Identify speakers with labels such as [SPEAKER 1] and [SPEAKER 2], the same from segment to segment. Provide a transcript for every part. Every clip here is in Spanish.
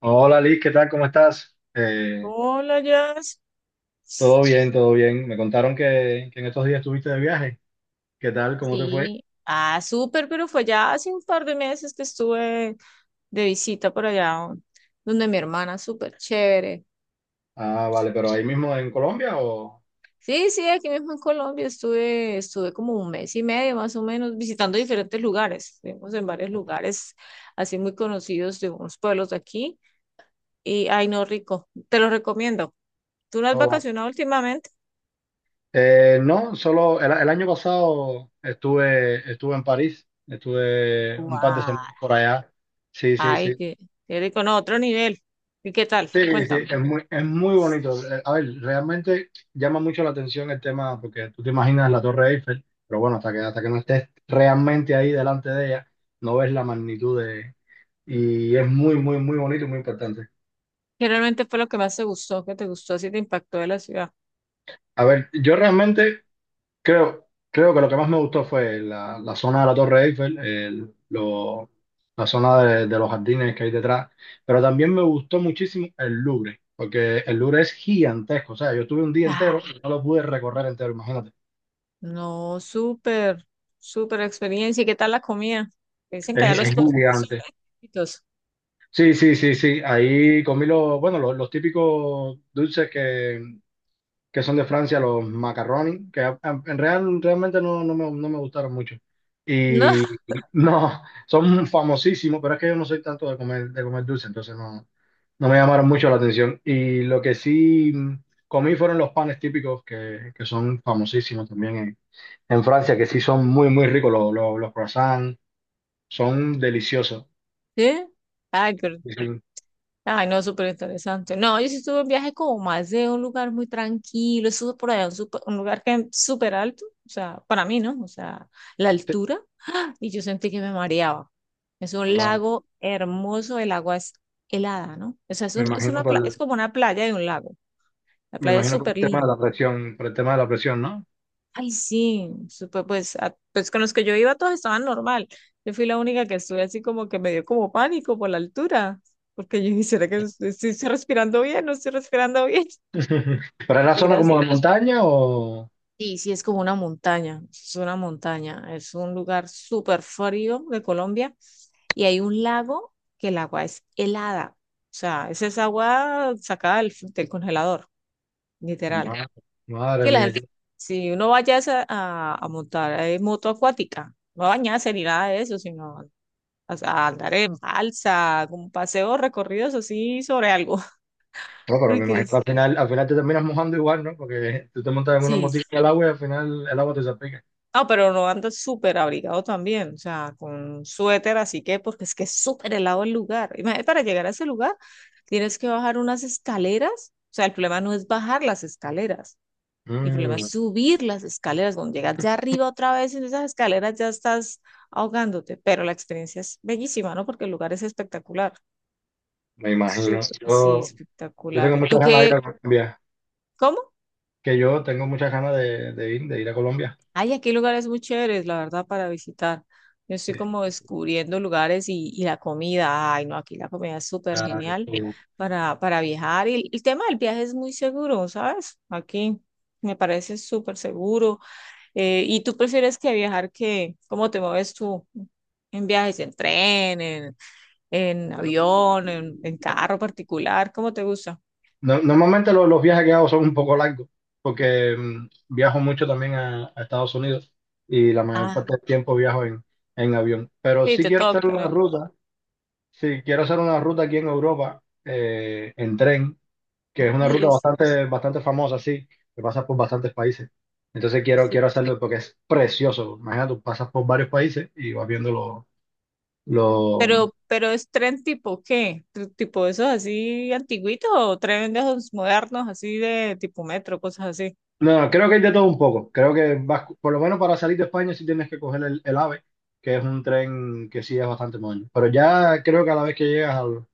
[SPEAKER 1] Hola Liz, ¿qué tal? ¿Cómo estás?
[SPEAKER 2] Hola, Jazz.
[SPEAKER 1] Todo bien, todo bien. Me contaron que en estos días estuviste de viaje. ¿Qué tal? ¿Cómo te fue?
[SPEAKER 2] Sí. Ah, súper, pero fue ya hace un par de meses que estuve de visita por allá, donde mi hermana, súper chévere.
[SPEAKER 1] Ah, vale, pero ahí mismo en Colombia o...
[SPEAKER 2] Sí, sí, aquí mismo en Colombia estuve, estuve como un mes y medio más o menos visitando diferentes lugares. Estuvimos en varios lugares así muy conocidos de unos pueblos de aquí y, ay, no, rico, te lo recomiendo. ¿Tú no has
[SPEAKER 1] o-
[SPEAKER 2] vacacionado últimamente?
[SPEAKER 1] No, solo el año pasado estuve, estuve en París, estuve un par de
[SPEAKER 2] ¡Guau!
[SPEAKER 1] semanas por allá. Sí, sí,
[SPEAKER 2] Ay,
[SPEAKER 1] sí.
[SPEAKER 2] qué, qué rico, no, otro nivel. ¿Y qué tal?
[SPEAKER 1] Sí, sí,
[SPEAKER 2] Cuéntame.
[SPEAKER 1] es es muy bonito. A ver, realmente llama mucho la atención el tema, porque tú te imaginas la Torre Eiffel, pero bueno, hasta que no estés realmente ahí delante de ella, no ves la magnitud de... Y es muy, muy, muy bonito y muy importante.
[SPEAKER 2] ¿Qué realmente fue lo que más te gustó? ¿Qué te gustó? ¿Así te impactó de la ciudad?
[SPEAKER 1] A ver, yo realmente creo que lo que más me gustó fue la zona de la Torre Eiffel, la zona de los jardines que hay detrás, pero también me gustó muchísimo el Louvre, porque el Louvre es gigantesco, o sea, yo estuve un día entero,
[SPEAKER 2] Ah,
[SPEAKER 1] y no lo pude recorrer entero, imagínate,
[SPEAKER 2] no, súper, súper experiencia. ¿Y qué tal la comida? Dicen que allá
[SPEAKER 1] Sí.
[SPEAKER 2] los
[SPEAKER 1] Es
[SPEAKER 2] postres son
[SPEAKER 1] gigante.
[SPEAKER 2] exquisitos.
[SPEAKER 1] Sí, sí, sí, sí, ahí comí los, bueno, los típicos dulces que son de Francia, los macaroni, que a- en real, realmente no, no me gustaron mucho.
[SPEAKER 2] No.
[SPEAKER 1] Y no, son famosísimos, pero es que yo no soy tanto de comer dulce, entonces no, no me llamaron mucho la atención. Y lo que sí comí fueron los panes típicos, que son famosísimos también en Francia, que sí son muy, muy ricos, los croissants, son deliciosos.
[SPEAKER 2] ¿Sí? Ay, qué,
[SPEAKER 1] Y sí,
[SPEAKER 2] ay, no, súper interesante. No, yo sí estuve en viaje como más de un lugar muy tranquilo. Estuve por allá, un, supe- un lugar que es súper alto. O sea, para mí, ¿no? O sea, la
[SPEAKER 1] sí,
[SPEAKER 2] altura. Y yo sentí que me mareaba. Es un
[SPEAKER 1] ah,
[SPEAKER 2] lago hermoso, el agua es helada, ¿no? O sea, es
[SPEAKER 1] me
[SPEAKER 2] un- es
[SPEAKER 1] imagino
[SPEAKER 2] una
[SPEAKER 1] por,
[SPEAKER 2] pla-
[SPEAKER 1] el-
[SPEAKER 2] es como una playa de un lago. La
[SPEAKER 1] me
[SPEAKER 2] playa es
[SPEAKER 1] imagino por
[SPEAKER 2] súper
[SPEAKER 1] el tema de
[SPEAKER 2] linda.
[SPEAKER 1] la presión, por el tema de la presión, ¿no?
[SPEAKER 2] Ay, sí, súper, pues, a- pues con los que yo iba todos estaban normal. Yo fui la única que estuve así como que me dio como pánico por la altura, porque yo dije, ¿será que es- sí estoy respirando bien? ¿No estoy respirando bien?
[SPEAKER 1] ¿Pero era
[SPEAKER 2] Porque
[SPEAKER 1] zona
[SPEAKER 2] era así.
[SPEAKER 1] como de montaña o...?
[SPEAKER 2] Sí, sí, es como una montaña, es un lugar súper frío de Colombia y hay un lago que el agua es helada, o sea, es esa agua sacada del congelador, literal.
[SPEAKER 1] Ma- Madre
[SPEAKER 2] Sí, la
[SPEAKER 1] mía,
[SPEAKER 2] gente,
[SPEAKER 1] No,
[SPEAKER 2] si uno vaya a, esa- a montar moto acuática, no a bañarse ni nada de eso, sino a andar en balsa, como paseos recorridos así sobre algo.
[SPEAKER 1] pero me
[SPEAKER 2] Porque
[SPEAKER 1] imagino que
[SPEAKER 2] es,
[SPEAKER 1] al final te terminas mojando igual, ¿no? Porque tú te montas en una
[SPEAKER 2] sí, sí.
[SPEAKER 1] motica en el agua y al final el agua te salpica.
[SPEAKER 2] No, pero no anda súper abrigado también, o sea, con suéter, así que, porque es que es súper helado el lugar. Imagínate, para llegar a ese lugar tienes que bajar unas escaleras, o sea, el problema no es bajar las escaleras. El problema es
[SPEAKER 1] Mm,
[SPEAKER 2] subir las escaleras. Cuando llegas ya arriba otra vez en esas escaleras ya estás ahogándote, pero la experiencia es bellísima, ¿no? Porque el lugar es espectacular.
[SPEAKER 1] me imagino.
[SPEAKER 2] Súper, sí,
[SPEAKER 1] Yo
[SPEAKER 2] espectacular.
[SPEAKER 1] tengo
[SPEAKER 2] ¿Y tú
[SPEAKER 1] muchas ganas de ir
[SPEAKER 2] qué?
[SPEAKER 1] a Colombia.
[SPEAKER 2] ¿Cómo?
[SPEAKER 1] Que yo tengo muchas ganas de ir a Colombia.
[SPEAKER 2] Ay, aquí hay lugares muy chéveres, la verdad, para visitar. Yo estoy
[SPEAKER 1] Sí.
[SPEAKER 2] como descubriendo lugares y la comida. Ay, no, aquí la comida es súper
[SPEAKER 1] Ah,
[SPEAKER 2] genial
[SPEAKER 1] sí.
[SPEAKER 2] para viajar. Y el tema del viaje es muy seguro, ¿sabes? Aquí me parece súper seguro. ¿Y tú prefieres que viajar que, cómo te mueves tú en viajes, en tren, en avión, en carro particular? ¿Cómo te gusta?
[SPEAKER 1] Normalmente los viajes que hago son un poco largos, porque viajo mucho también a Estados Unidos y la mayor parte
[SPEAKER 2] Ah,
[SPEAKER 1] del tiempo viajo en avión. Pero
[SPEAKER 2] sí,
[SPEAKER 1] sí
[SPEAKER 2] te
[SPEAKER 1] quiero hacer
[SPEAKER 2] toca,
[SPEAKER 1] una
[SPEAKER 2] ¿no?
[SPEAKER 1] ruta, sí quiero hacer una ruta aquí en Europa en tren, que es una
[SPEAKER 2] Ay,
[SPEAKER 1] ruta
[SPEAKER 2] es,
[SPEAKER 1] bastante, bastante famosa, sí, que pasa por bastantes países. Entonces quiero,
[SPEAKER 2] sí.
[SPEAKER 1] quiero hacerlo porque es precioso. Imagínate, tú pasas por varios países y vas viendo los...
[SPEAKER 2] Pero es tren tipo ¿qué? ¿Tr- ¿Tipo esos así antiguitos o tren de esos modernos, así de tipo metro, cosas así?
[SPEAKER 1] No, creo que hay de todo un poco. Creo que vas, por lo menos para salir de España sí tienes que coger el AVE, que es un tren que sí es bastante moderno. Pero ya creo que a la vez que llegas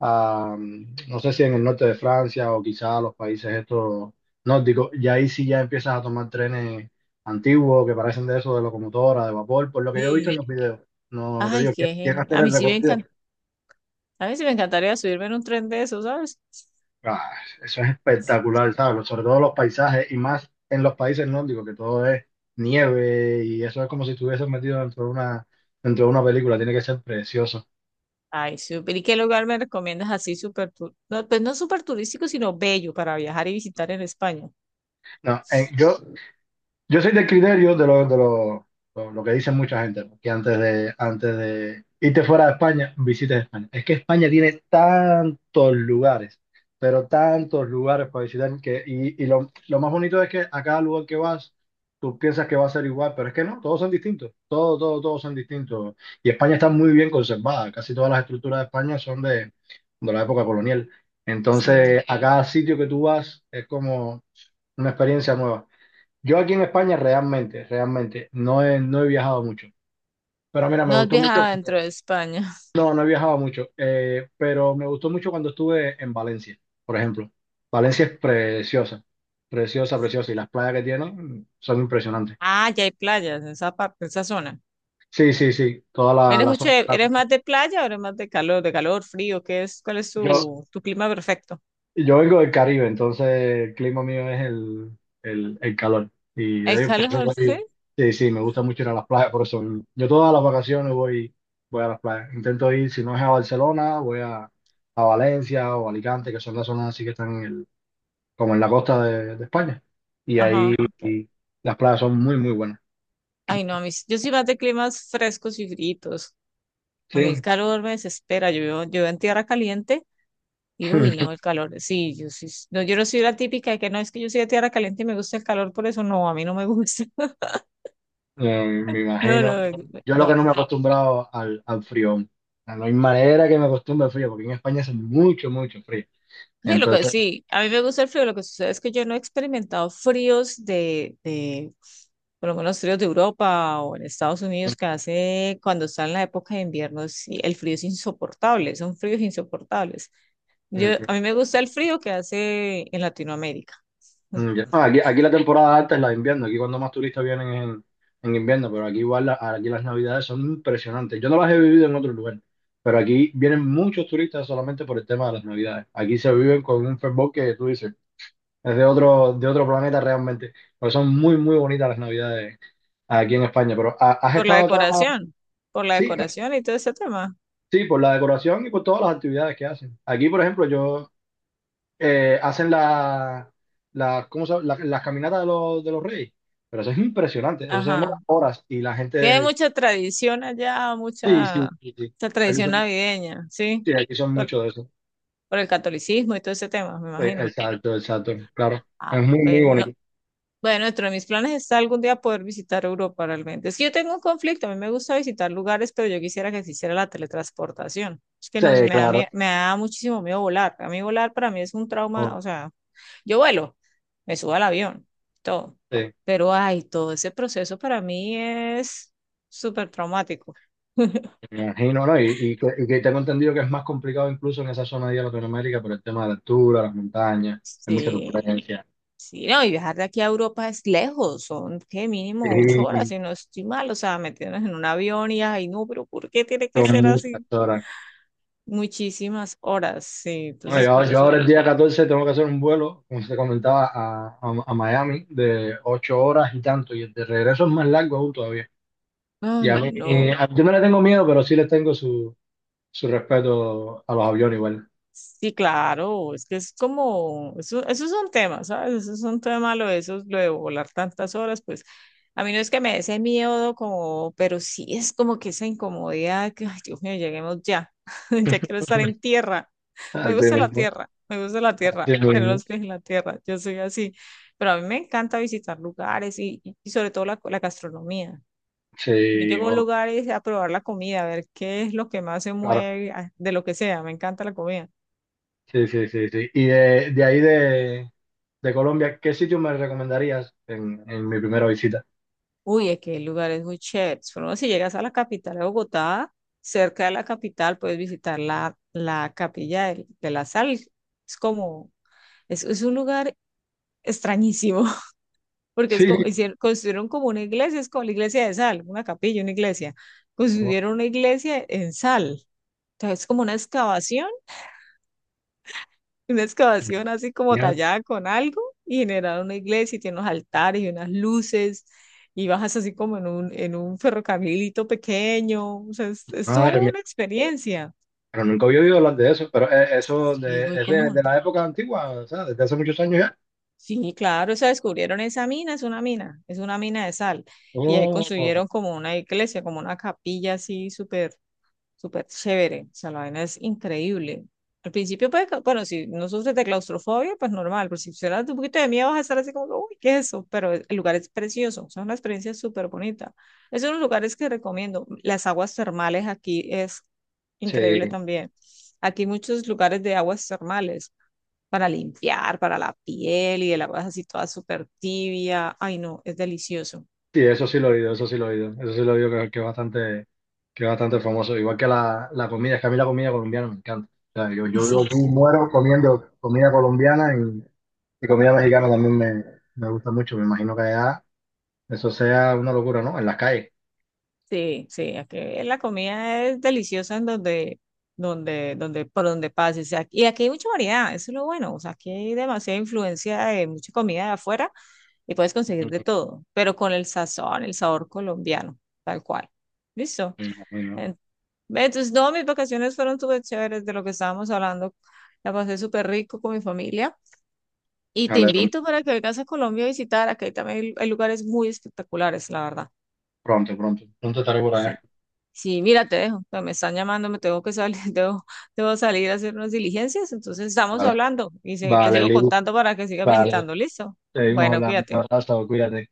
[SPEAKER 1] a, no sé si en el norte de Francia o quizá a los países estos nórdicos, y ahí sí ya empiezas a tomar trenes antiguos que parecen de eso, de locomotora, de vapor, por lo que yo he visto en
[SPEAKER 2] Sí.
[SPEAKER 1] los videos. No te
[SPEAKER 2] Ay,
[SPEAKER 1] digo,
[SPEAKER 2] qué
[SPEAKER 1] que
[SPEAKER 2] genio.
[SPEAKER 1] hacer
[SPEAKER 2] A mí
[SPEAKER 1] el
[SPEAKER 2] sí me
[SPEAKER 1] recorrido.
[SPEAKER 2] encanta, a mí sí me encantaría subirme en un tren de esos, ¿sabes?
[SPEAKER 1] Ah, eso es espectacular, ¿sabes? Sobre todo los paisajes y más en los países nórdicos, que todo es nieve y eso es como si estuvieses metido dentro de una película, tiene que ser precioso.
[SPEAKER 2] Ay, súper. ¿Y qué lugar me recomiendas así súper tu- no, pues no súper turístico, sino bello para viajar y visitar en España?
[SPEAKER 1] No, en- Yo soy del criterio lo que dice mucha gente, ¿no? Que antes de irte fuera de España, visites España. Es que España tiene tantos lugares, pero tantos lugares para visitar, que, y, lo más bonito es que a cada lugar que vas, tú piensas que va a ser igual, pero es que no, todos son distintos, todos, todos, todos son distintos. Y España está muy bien conservada, casi todas las estructuras de España son de la época colonial.
[SPEAKER 2] Sí.
[SPEAKER 1] Entonces, a cada sitio que tú vas es como una experiencia nueva. Yo aquí en España realmente, realmente, no he viajado mucho. Pero mira, me
[SPEAKER 2] No has
[SPEAKER 1] gustó mucho.
[SPEAKER 2] viajado dentro de España.
[SPEAKER 1] No, no he viajado mucho, pero me gustó mucho cuando estuve en Valencia, por ejemplo. Valencia es preciosa, preciosa, preciosa. Y las playas que tiene son impresionantes.
[SPEAKER 2] Ah, ya hay playas en esa parte, en esa zona.
[SPEAKER 1] Sí, sí, sí, toda
[SPEAKER 2] ¿Eres
[SPEAKER 1] la
[SPEAKER 2] mucho
[SPEAKER 1] zona.
[SPEAKER 2] de- eres más de playa o eres más de calor, frío? ¿Qué es? ¿Cuál es
[SPEAKER 1] Yo,
[SPEAKER 2] tu, tu clima perfecto?
[SPEAKER 1] Yo vengo del Caribe, entonces el clima mío es el calor. Y de
[SPEAKER 2] ¿El
[SPEAKER 1] ahí,
[SPEAKER 2] calor, sí?
[SPEAKER 1] sí, sí, me gusta mucho ir a las playas, por eso yo todas las vacaciones voy, voy a las playas. Intento ir, si no es a Barcelona, voy a Valencia o Alicante, que son las zonas así que están en como en la costa de España. Y ahí
[SPEAKER 2] Ajá. Ok.
[SPEAKER 1] y las playas son muy, muy buenas.
[SPEAKER 2] Ay, no, a mí, sí, yo soy más de climas frescos y fríos. A mí el
[SPEAKER 1] Sí,
[SPEAKER 2] calor me desespera. Yo vivo en tierra caliente. Y uy, no, el calor, sí, yo sí, no, yo no soy la típica de que no, es que yo soy de tierra caliente y me gusta el calor, por eso no, a mí no me gusta.
[SPEAKER 1] me
[SPEAKER 2] No,
[SPEAKER 1] imagino.
[SPEAKER 2] no, me- me-
[SPEAKER 1] Yo lo que
[SPEAKER 2] no,
[SPEAKER 1] no me he
[SPEAKER 2] pues.
[SPEAKER 1] acostumbrado al, al frío. O sea, no hay manera que me acostumbre al frío, porque en España hace mucho, mucho frío.
[SPEAKER 2] Sí, lo que,
[SPEAKER 1] Entonces,
[SPEAKER 2] sí, a mí me gusta el frío, lo que sucede es que yo no he experimentado fríos de, por lo menos fríos de Europa o en Estados Unidos, que hace cuando está en la época de invierno, sí, el frío es insoportable, son fríos insoportables. Yo,
[SPEAKER 1] mm,
[SPEAKER 2] a mí me gusta el frío que hace en Latinoamérica.
[SPEAKER 1] ya. No, aquí, aquí la temporada alta es la de invierno, aquí cuando más turistas vienen es en invierno, pero aquí igual aquí las navidades son impresionantes. Yo no las he vivido en otro lugar, pero aquí vienen muchos turistas solamente por el tema de las navidades. Aquí se viven con un fervor que tú dices, es de otro planeta realmente, porque son muy, muy bonitas las navidades aquí en España. Pero ¿has
[SPEAKER 2] Por la
[SPEAKER 1] estado acá?
[SPEAKER 2] decoración, por la
[SPEAKER 1] Sí, ¿no?
[SPEAKER 2] decoración y todo ese tema.
[SPEAKER 1] Sí, por la decoración y por todas las actividades que hacen. Aquí, por ejemplo, yo... hacen ¿cómo se llama? Las caminatas de los reyes. Pero eso es impresionante, eso se demora
[SPEAKER 2] Ajá.
[SPEAKER 1] horas y la
[SPEAKER 2] Sí, hay
[SPEAKER 1] gente,
[SPEAKER 2] mucha tradición allá,
[SPEAKER 1] sí, sí,
[SPEAKER 2] mucha,
[SPEAKER 1] sí, sí.
[SPEAKER 2] mucha
[SPEAKER 1] Aquí
[SPEAKER 2] tradición
[SPEAKER 1] son,
[SPEAKER 2] navideña, ¿sí?
[SPEAKER 1] sí, aquí son
[SPEAKER 2] Por,
[SPEAKER 1] muchos de eso.
[SPEAKER 2] por el catolicismo y todo ese tema, me
[SPEAKER 1] Sí,
[SPEAKER 2] imagino.
[SPEAKER 1] el salto, el salto, claro. Es
[SPEAKER 2] Ah,
[SPEAKER 1] muy, muy
[SPEAKER 2] pero no.
[SPEAKER 1] bonito.
[SPEAKER 2] Bueno, dentro de mis planes está algún día poder visitar Europa realmente. Es que yo tengo un conflicto, a mí me gusta visitar lugares, pero yo quisiera que se hiciera la teletransportación. Es que
[SPEAKER 1] Sí,
[SPEAKER 2] no me da, mie-
[SPEAKER 1] claro.
[SPEAKER 2] me da muchísimo miedo volar. A mí volar para mí es un trauma,
[SPEAKER 1] Oh,
[SPEAKER 2] o sea, yo vuelo, me subo al avión, todo.
[SPEAKER 1] sí,
[SPEAKER 2] Pero ay, todo ese proceso para mí es súper traumático.
[SPEAKER 1] me imagino, ¿no? Y, y que tengo entendido que es más complicado incluso en esa zona de Latinoamérica por el tema de la altura, las montañas, hay mucha
[SPEAKER 2] Sí,
[SPEAKER 1] turbulencia.
[SPEAKER 2] sí, no, y viajar de aquí a Europa es lejos, son que mínimo 8 horas,
[SPEAKER 1] Sí,
[SPEAKER 2] si no estoy mal, o sea, meternos en un avión y ay, no, pero ¿por qué tiene que
[SPEAKER 1] son
[SPEAKER 2] ser
[SPEAKER 1] muchas
[SPEAKER 2] así?
[SPEAKER 1] horas.
[SPEAKER 2] Muchísimas horas, sí, entonces
[SPEAKER 1] Bueno,
[SPEAKER 2] por
[SPEAKER 1] yo
[SPEAKER 2] eso,
[SPEAKER 1] ahora el día 14 tengo que hacer un vuelo, como te comentaba, a Miami de 8 horas y tanto, y el de regreso es más largo aún todavía. Y a
[SPEAKER 2] ay,
[SPEAKER 1] mí,
[SPEAKER 2] no.
[SPEAKER 1] yo no le tengo miedo, pero sí les tengo su respeto a los aviones igual.
[SPEAKER 2] Sí, claro, es que es como, eso es un tema, ¿sabes? Eso es un tema, lo de, esos- lo de volar tantas horas, pues a mí no es que me dé ese miedo, como, pero sí es como que esa incomodidad, que, ay, Dios mío, lleguemos ya, ya quiero estar en tierra, me
[SPEAKER 1] Así
[SPEAKER 2] gusta la
[SPEAKER 1] mismo,
[SPEAKER 2] tierra, me gusta la tierra,
[SPEAKER 1] así
[SPEAKER 2] tener
[SPEAKER 1] mismo.
[SPEAKER 2] los pies en la tierra, yo soy así, pero a mí me encanta visitar lugares y sobre todo la, la gastronomía. Yo
[SPEAKER 1] Sí,
[SPEAKER 2] llego a un
[SPEAKER 1] bueno,
[SPEAKER 2] lugar y a probar la comida, a ver qué es lo que más se
[SPEAKER 1] claro.
[SPEAKER 2] mueve, a- de lo que sea, me encanta la comida.
[SPEAKER 1] Sí, sí, sí, sí. Y de Colombia, ¿qué sitio me recomendarías en mi primera visita?
[SPEAKER 2] Uy, es que hay lugares muy chéveres. Por ejemplo, si llegas a la capital de Bogotá, cerca de la capital puedes visitar la, la capilla del- de, la sal. Es como, es un lugar extrañísimo, porque es
[SPEAKER 1] Sí.
[SPEAKER 2] como, hicieron, construyeron como una iglesia, es como la iglesia de sal, una capilla, una iglesia. Construyeron una iglesia en sal. Entonces, es como una excavación, una excavación así como tallada con algo y generaron una iglesia y tiene unos altares y unas luces y bajas así como en un ferrocamilito pequeño. O sea, es toda
[SPEAKER 1] Madre mía,
[SPEAKER 2] una experiencia
[SPEAKER 1] pero nunca había oído hablar de eso, pero eso
[SPEAKER 2] y es muy
[SPEAKER 1] es
[SPEAKER 2] común.
[SPEAKER 1] de la época antigua, o sea, desde hace muchos años ya.
[SPEAKER 2] Sí, claro, o sea, descubrieron esa mina, es una mina, es una mina de sal. Y ahí
[SPEAKER 1] Oh,
[SPEAKER 2] construyeron como una iglesia, como una capilla así súper. Súper chévere, o sea, la vaina es increíble. Al principio, pues, ca- bueno, si no sufres de claustrofobia, pues normal, pero si te sufres un poquito de miedo vas a estar así como, que, uy, ¿qué es eso? Pero el lugar es precioso, o sea, una experiencia súper bonita. Es uno de los lugares que recomiendo. Las aguas termales aquí es increíble
[SPEAKER 1] sí,
[SPEAKER 2] también. Aquí hay muchos lugares de aguas termales para limpiar, para la piel y el agua es así toda súper tibia. Ay, no, es delicioso.
[SPEAKER 1] sí, eso sí lo he oído, eso sí lo he oído, eso sí lo he oído que es bastante famoso. Igual que la comida, es que a mí la comida colombiana me encanta. O sea, yo,
[SPEAKER 2] Y
[SPEAKER 1] yo vivo
[SPEAKER 2] sí.
[SPEAKER 1] aquí, muero comiendo comida colombiana y comida mexicana también me gusta mucho. Me imagino que allá eso sea una locura, ¿no? En las calles.
[SPEAKER 2] Sí, sí, aquí la comida es deliciosa en donde, donde, donde, por donde pases. Ac- y aquí hay mucha variedad, eso es lo bueno. O sea, aquí hay demasiada influencia de mucha comida de afuera y puedes conseguir de
[SPEAKER 1] Mm,
[SPEAKER 2] todo, pero con el sazón, el sabor colombiano, tal cual. ¿Listo?
[SPEAKER 1] me imagino.
[SPEAKER 2] En- entonces, no, mis vacaciones fueron súper chéveres de lo que estábamos hablando. La pasé súper rico con mi familia y te
[SPEAKER 1] Vale,
[SPEAKER 2] invito para que vengas a Colombia a visitar. Aquí también hay hay lugares muy espectaculares, la verdad.
[SPEAKER 1] pronto, pronto. Pronto estaré por
[SPEAKER 2] Sí.
[SPEAKER 1] allá.
[SPEAKER 2] Sí, mira, te dejo, no, me están llamando, me tengo que salir, debo, debo salir a hacer unas diligencias. Entonces estamos
[SPEAKER 1] Vale,
[SPEAKER 2] hablando y se- te
[SPEAKER 1] vale,
[SPEAKER 2] sigo
[SPEAKER 1] Lili.
[SPEAKER 2] contando para que sigas
[SPEAKER 1] Vale,
[SPEAKER 2] visitando. ¿Listo?
[SPEAKER 1] seguimos
[SPEAKER 2] Bueno,
[SPEAKER 1] hablando. Un
[SPEAKER 2] cuídate.
[SPEAKER 1] abrazo, cuídate.